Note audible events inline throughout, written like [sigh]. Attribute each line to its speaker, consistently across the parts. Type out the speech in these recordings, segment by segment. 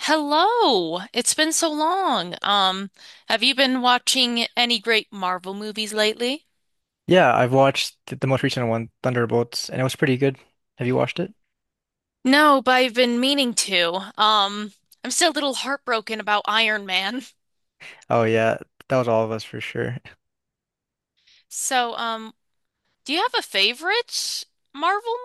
Speaker 1: Hello. It's been so long. Have you been watching any great Marvel movies lately?
Speaker 2: Yeah, I've watched the most recent one, Thunderbolts, and it was pretty good. Have you watched it?
Speaker 1: No, but I've been meaning to. Um, I'm still a little heartbroken about Iron Man. [laughs]
Speaker 2: Oh yeah, that was all of us for sure.
Speaker 1: So, do you have a favorite Marvel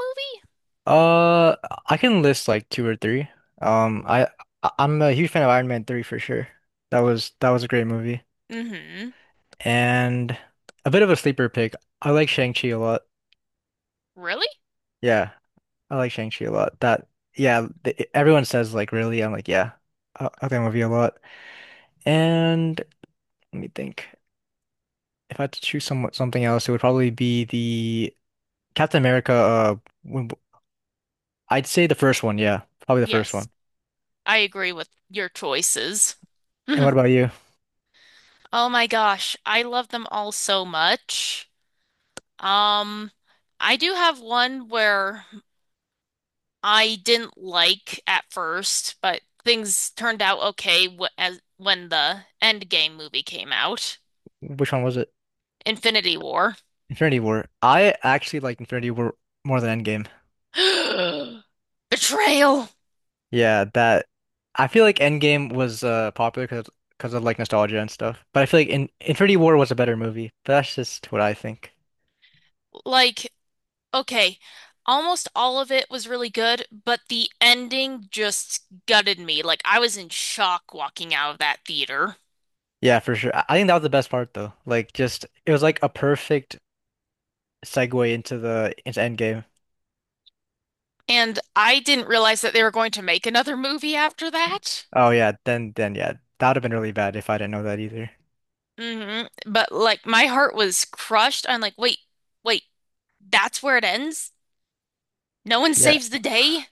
Speaker 2: Uh, I can list like two or three. Um, I I'm a huge fan of Iron Man 3 for sure. That was a great movie.
Speaker 1: movie? Mm-hmm.
Speaker 2: And a bit of a sleeper pick. I like Shang-Chi a lot.
Speaker 1: Really?
Speaker 2: Yeah, I like Shang-Chi a lot. That yeah, th Everyone says like really. I'm like, yeah. I like that movie a lot. And let me think. If I had to choose something else, it would probably be Captain America, when- I'd say the first one, yeah, probably the first
Speaker 1: Yes.
Speaker 2: one.
Speaker 1: I agree with your choices.
Speaker 2: And
Speaker 1: Mhm.
Speaker 2: what about you?
Speaker 1: Oh my gosh, I love them all so much. Um, I do have one where I didn't like at first, but things turned out okay wh as when the Endgame movie came out.
Speaker 2: Which one was it?
Speaker 1: Infinity War.
Speaker 2: Infinity War. I actually like Infinity War more than Endgame.
Speaker 1: [gasps] Betrayal.
Speaker 2: Yeah, that I feel like Endgame was popular because of like nostalgia and stuff. But I feel like in Infinity War was a better movie. But that's just what I think.
Speaker 1: Like, okay, almost all of it was really good, but the ending just gutted me. Like, I was in shock walking out of that theater.
Speaker 2: Yeah, for sure. I think that was the best part though. Like just it was like a perfect segue into Endgame.
Speaker 1: And I didn't realize that they were going to make another movie after that.
Speaker 2: Oh yeah, then yeah, that would have been really bad if I didn't know that either.
Speaker 1: But like, my heart was crushed. I'm like, wait, that's where it ends? No one
Speaker 2: Yeah.
Speaker 1: saves the day?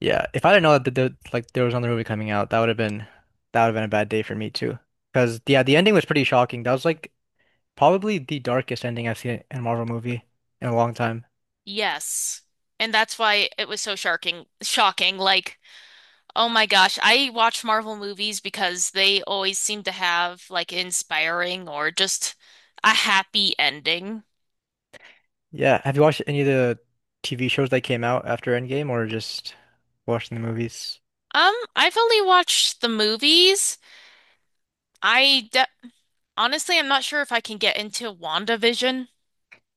Speaker 2: Yeah, if I didn't know that like there was another movie coming out, that would have been a bad day for me too. Because yeah, the ending was pretty shocking. That was like probably the darkest ending I've seen in a Marvel movie in a long time.
Speaker 1: Yes. And that's why it was so shocking. Like, oh my gosh, I watch Marvel movies because they always seem to have like inspiring or just a happy ending.
Speaker 2: Yeah, have you watched any of the TV shows that came out after Endgame or just watching the movies?
Speaker 1: I've only watched the movies. I de Honestly, I'm not sure if I can get into WandaVision.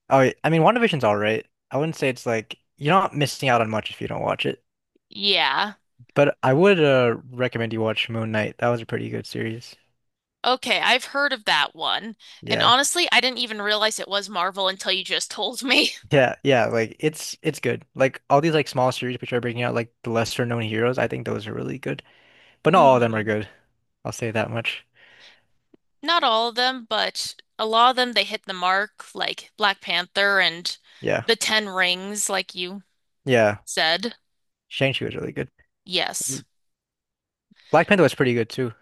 Speaker 2: Oh, yeah, I mean, WandaVision's all right. I wouldn't say it's like you're not missing out on much if you don't watch it,
Speaker 1: Yeah.
Speaker 2: but I would recommend you watch Moon Knight. That was a pretty good series.
Speaker 1: Okay, I've heard of that one. And
Speaker 2: Yeah.
Speaker 1: honestly, I didn't even realize it was Marvel until you just told me.
Speaker 2: Yeah, yeah, like it's good. Like all these like small series which are bringing out like the lesser known heroes, I think those are really good. But
Speaker 1: [laughs]
Speaker 2: not all of them are
Speaker 1: hmm
Speaker 2: good. I'll say that much.
Speaker 1: Not all of them, but a lot of them they hit the mark, like Black Panther and
Speaker 2: Yeah.
Speaker 1: the Ten Rings, like you
Speaker 2: Yeah.
Speaker 1: said.
Speaker 2: Shang-Chi was really good.
Speaker 1: Yes.
Speaker 2: Black Panther was pretty good too.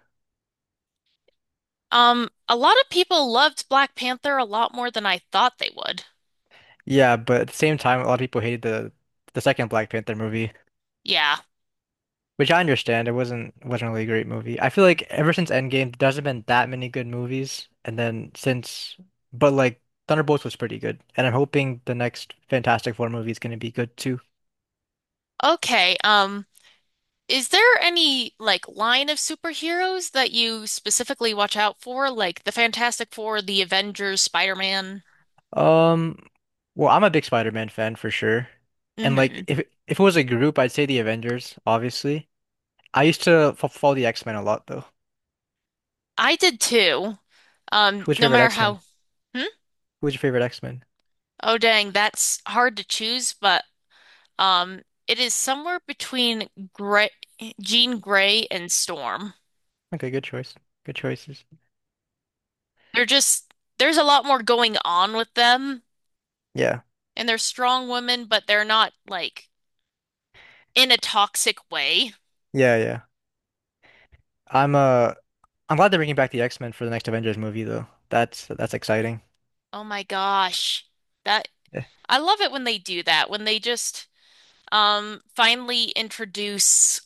Speaker 1: A lot of people loved Black Panther a lot more than I thought they would.
Speaker 2: Yeah, but at the same time a lot of people hated the second Black Panther movie,
Speaker 1: Yeah.
Speaker 2: which I understand. It wasn't really a great movie. I feel like ever since Endgame there hasn't been that many good movies and then since but like Thunderbolts was pretty good. And I'm hoping the next Fantastic Four movie is going to be good too.
Speaker 1: Okay. Is there any like line of superheroes that you specifically watch out for, like the Fantastic Four, the Avengers, Spider-Man?
Speaker 2: Um, well, I'm a big Spider-Man fan for sure. And
Speaker 1: Mm-hmm.
Speaker 2: like if it was a group, I'd say the Avengers, obviously. I used to f follow the X-Men a lot though.
Speaker 1: I did too.
Speaker 2: Who's
Speaker 1: No
Speaker 2: your favorite
Speaker 1: matter
Speaker 2: X-Men?
Speaker 1: how. Hmm?
Speaker 2: Who's your favorite X-Men?
Speaker 1: Oh, dang, that's hard to choose, but Um, it is somewhere between Gray, Jean Grey and Storm.
Speaker 2: Okay, good choice. Good choices.
Speaker 1: They're just there's a lot more going on with them,
Speaker 2: Yeah.
Speaker 1: and they're strong women, but they're not like in a toxic way.
Speaker 2: Yeah, yeah. I'm I'm glad they're bringing back the X-Men for the next Avengers movie though. That's exciting.
Speaker 1: Oh my gosh. That
Speaker 2: Yeah.
Speaker 1: I love it when they do that, when they just finally introduce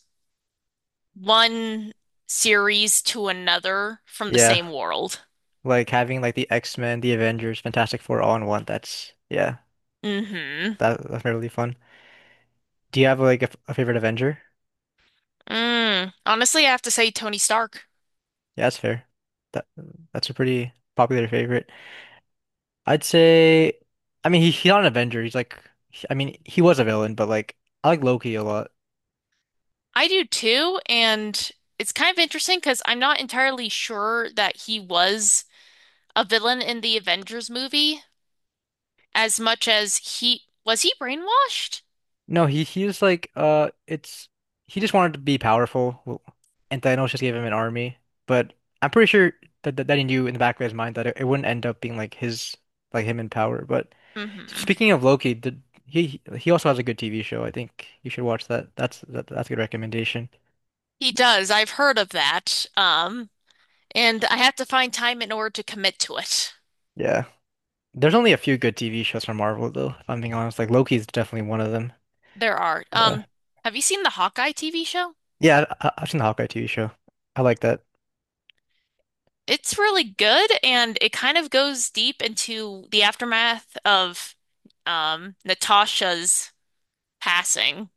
Speaker 1: one series to another from the
Speaker 2: Yeah.
Speaker 1: same world.
Speaker 2: Like having like the X-Men, the Avengers, Fantastic Four all in one. That's yeah.
Speaker 1: Mm-hmm.
Speaker 2: That's really fun. Do you have like a favorite Avenger?
Speaker 1: Mm. Honestly, I have to say Tony Stark.
Speaker 2: Yeah, that's fair. That that's a pretty popular favorite. I'd say, I mean, he's not an Avenger. He's like, I mean, he was a villain, but like, I like Loki a lot.
Speaker 1: I do too, and it's kind of interesting because I'm not entirely sure that he was a villain in the Avengers movie as much as he brainwashed?
Speaker 2: No, he was like, it's he just wanted to be powerful. Well, and Thanos just gave him an army. But I'm pretty sure that he knew in the back of his mind that it wouldn't end up being like his like him in power. But
Speaker 1: hmm
Speaker 2: speaking of Loki, did he also has a good TV show. I think you should watch that. That's a good recommendation.
Speaker 1: He does. I've heard of that. And I have to find time in order to commit to it.
Speaker 2: Yeah. There's only a few good TV shows from Marvel, though, if I'm being honest. Like Loki's definitely one of them.
Speaker 1: There are.
Speaker 2: But
Speaker 1: Have you seen the Hawkeye TV show?
Speaker 2: yeah, I've seen the Hawkeye TV show. I like that.
Speaker 1: It's really good, and it kind of goes deep into the aftermath of Natasha's passing.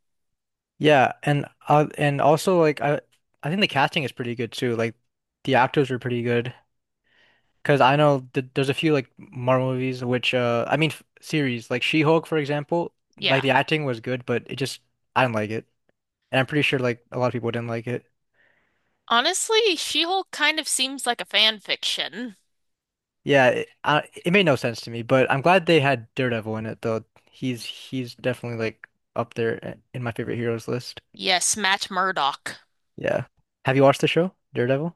Speaker 2: Yeah, and also like I think the casting is pretty good too. Like the actors are pretty good because I know th there's a few like Marvel movies which I mean f series like She-Hulk for example. Like
Speaker 1: Yeah.
Speaker 2: the acting was good, but it just I didn't like it, and I'm pretty sure like a lot of people didn't like it.
Speaker 1: Honestly, She-Hulk kind of seems like a fan fiction.
Speaker 2: It made no sense to me, but I'm glad they had Daredevil in it though. He's definitely like up there in my favorite heroes list.
Speaker 1: Yes, Matt Murdock.
Speaker 2: Yeah. Have you watched the show, Daredevil?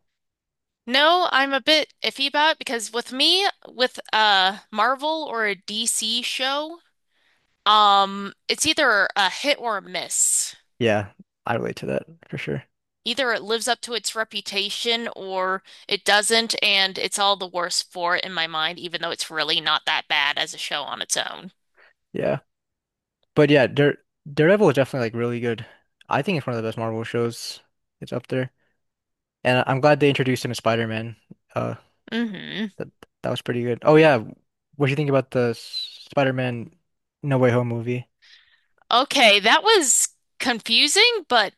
Speaker 1: No, I'm a bit iffy about it because with me, with a Marvel or a DC show, it's either a hit or a miss.
Speaker 2: Yeah, I relate to that for sure.
Speaker 1: Either it lives up to its reputation or it doesn't, and it's all the worse for it in my mind, even though it's really not that bad as a show on its own.
Speaker 2: Yeah. But yeah, Daredevil is definitely like really good. I think it's one of the best Marvel shows. It's up there. And I'm glad they introduced him as Spider-Man. Uh
Speaker 1: hmm
Speaker 2: that that was pretty good. Oh yeah, what do you think about the Spider-Man No Way Home movie?
Speaker 1: Okay, that was confusing, but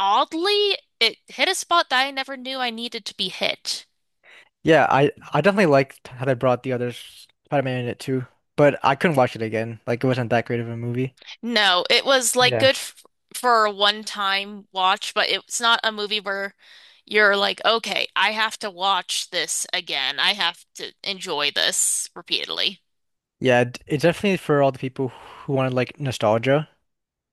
Speaker 1: Oddly, it hit a spot that I never knew I needed to be hit.
Speaker 2: Yeah, I definitely liked how they brought the other Spider-Man in it too, but I couldn't watch it again. Like it wasn't that great of a movie.
Speaker 1: No, it was like
Speaker 2: Yeah.
Speaker 1: good f for a one-time watch, but it's not a movie where you're like, okay, I have to watch this again. I have to enjoy this repeatedly.
Speaker 2: Yeah, it's definitely for all the people who wanted like nostalgia,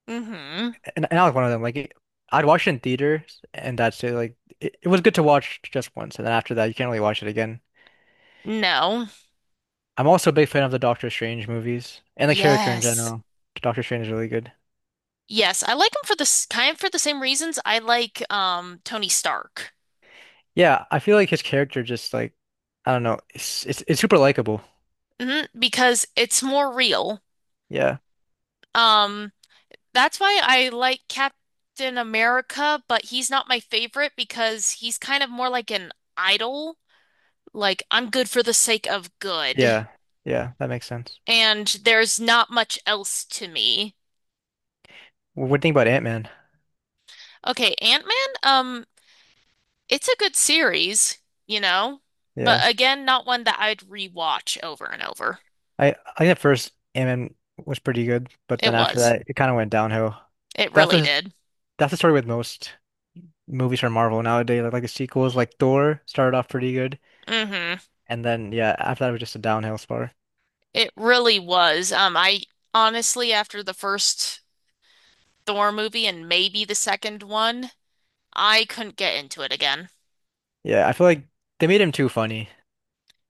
Speaker 1: Mm-hmm.
Speaker 2: and I was one of them. Like it, I'd watch it in theaters, and that's it. Like it was good to watch just once, and then after that, you can't really watch it again.
Speaker 1: No.
Speaker 2: I'm also a big fan of the Doctor Strange movies and the character in
Speaker 1: Yes.
Speaker 2: general. Doctor Strange is really good.
Speaker 1: Yes, I like him for this kind of for the same reasons I like Tony Stark.
Speaker 2: Yeah, I feel like his character just like I don't know, it's super likable.
Speaker 1: Because it's more real.
Speaker 2: Yeah,
Speaker 1: Um That's why I like Captain America, but he's not my favorite because he's kind of more like an idol. Like, I'm good for the sake of good,
Speaker 2: yeah, yeah, that makes sense.
Speaker 1: and there's not much else to me.
Speaker 2: What do you think about Ant-Man?
Speaker 1: Okay, Ant-Man, it's a good series, you know, but
Speaker 2: Yeah.
Speaker 1: again, not one that I'd rewatch over and over.
Speaker 2: I think at first Ant-Man was pretty good, but
Speaker 1: It
Speaker 2: then after
Speaker 1: was.
Speaker 2: that it kind of went downhill.
Speaker 1: It
Speaker 2: That's
Speaker 1: really
Speaker 2: the
Speaker 1: did.
Speaker 2: that's the story with most movies from Marvel nowadays. Like the sequels, like Thor started off pretty good,
Speaker 1: hmm
Speaker 2: and then yeah, after that it was just a downhill spiral.
Speaker 1: It really was. I Honestly, after the first Thor movie and maybe the second one, I couldn't get into it again.
Speaker 2: Yeah, I feel like they made him too funny.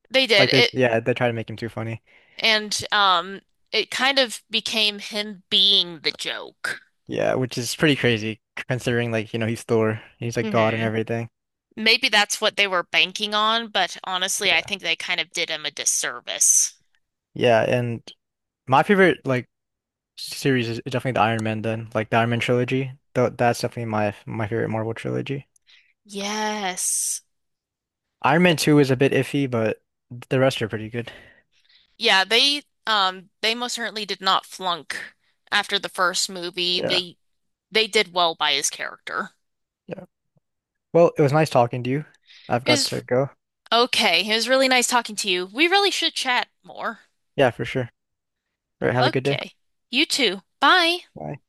Speaker 1: They did
Speaker 2: Like they
Speaker 1: it,
Speaker 2: yeah, they tried to make him too funny.
Speaker 1: and it kind of became him being the joke.
Speaker 2: Yeah, which is pretty crazy considering like, you know, he's Thor, he's like God and
Speaker 1: hmm
Speaker 2: everything.
Speaker 1: Maybe that's what they were banking on, but honestly, I
Speaker 2: Yeah,
Speaker 1: think they kind of did him a disservice.
Speaker 2: yeah, and my favorite like series is definitely the Iron Man then, like the Iron Man trilogy. Though that's definitely my favorite Marvel trilogy.
Speaker 1: Yes.
Speaker 2: Iron Man
Speaker 1: Th-
Speaker 2: 2 is a bit iffy, but the rest are pretty good.
Speaker 1: yeah, they most certainly did not flunk after the first movie.
Speaker 2: Yeah,
Speaker 1: They did well by his character.
Speaker 2: yeah. Well, it was nice talking to you. I've
Speaker 1: It
Speaker 2: got
Speaker 1: was
Speaker 2: to go.
Speaker 1: okay. It was really nice talking to you. We really should chat more.
Speaker 2: Yeah, for sure. All right, have a good day.
Speaker 1: Okay. You too. Bye.
Speaker 2: Bye.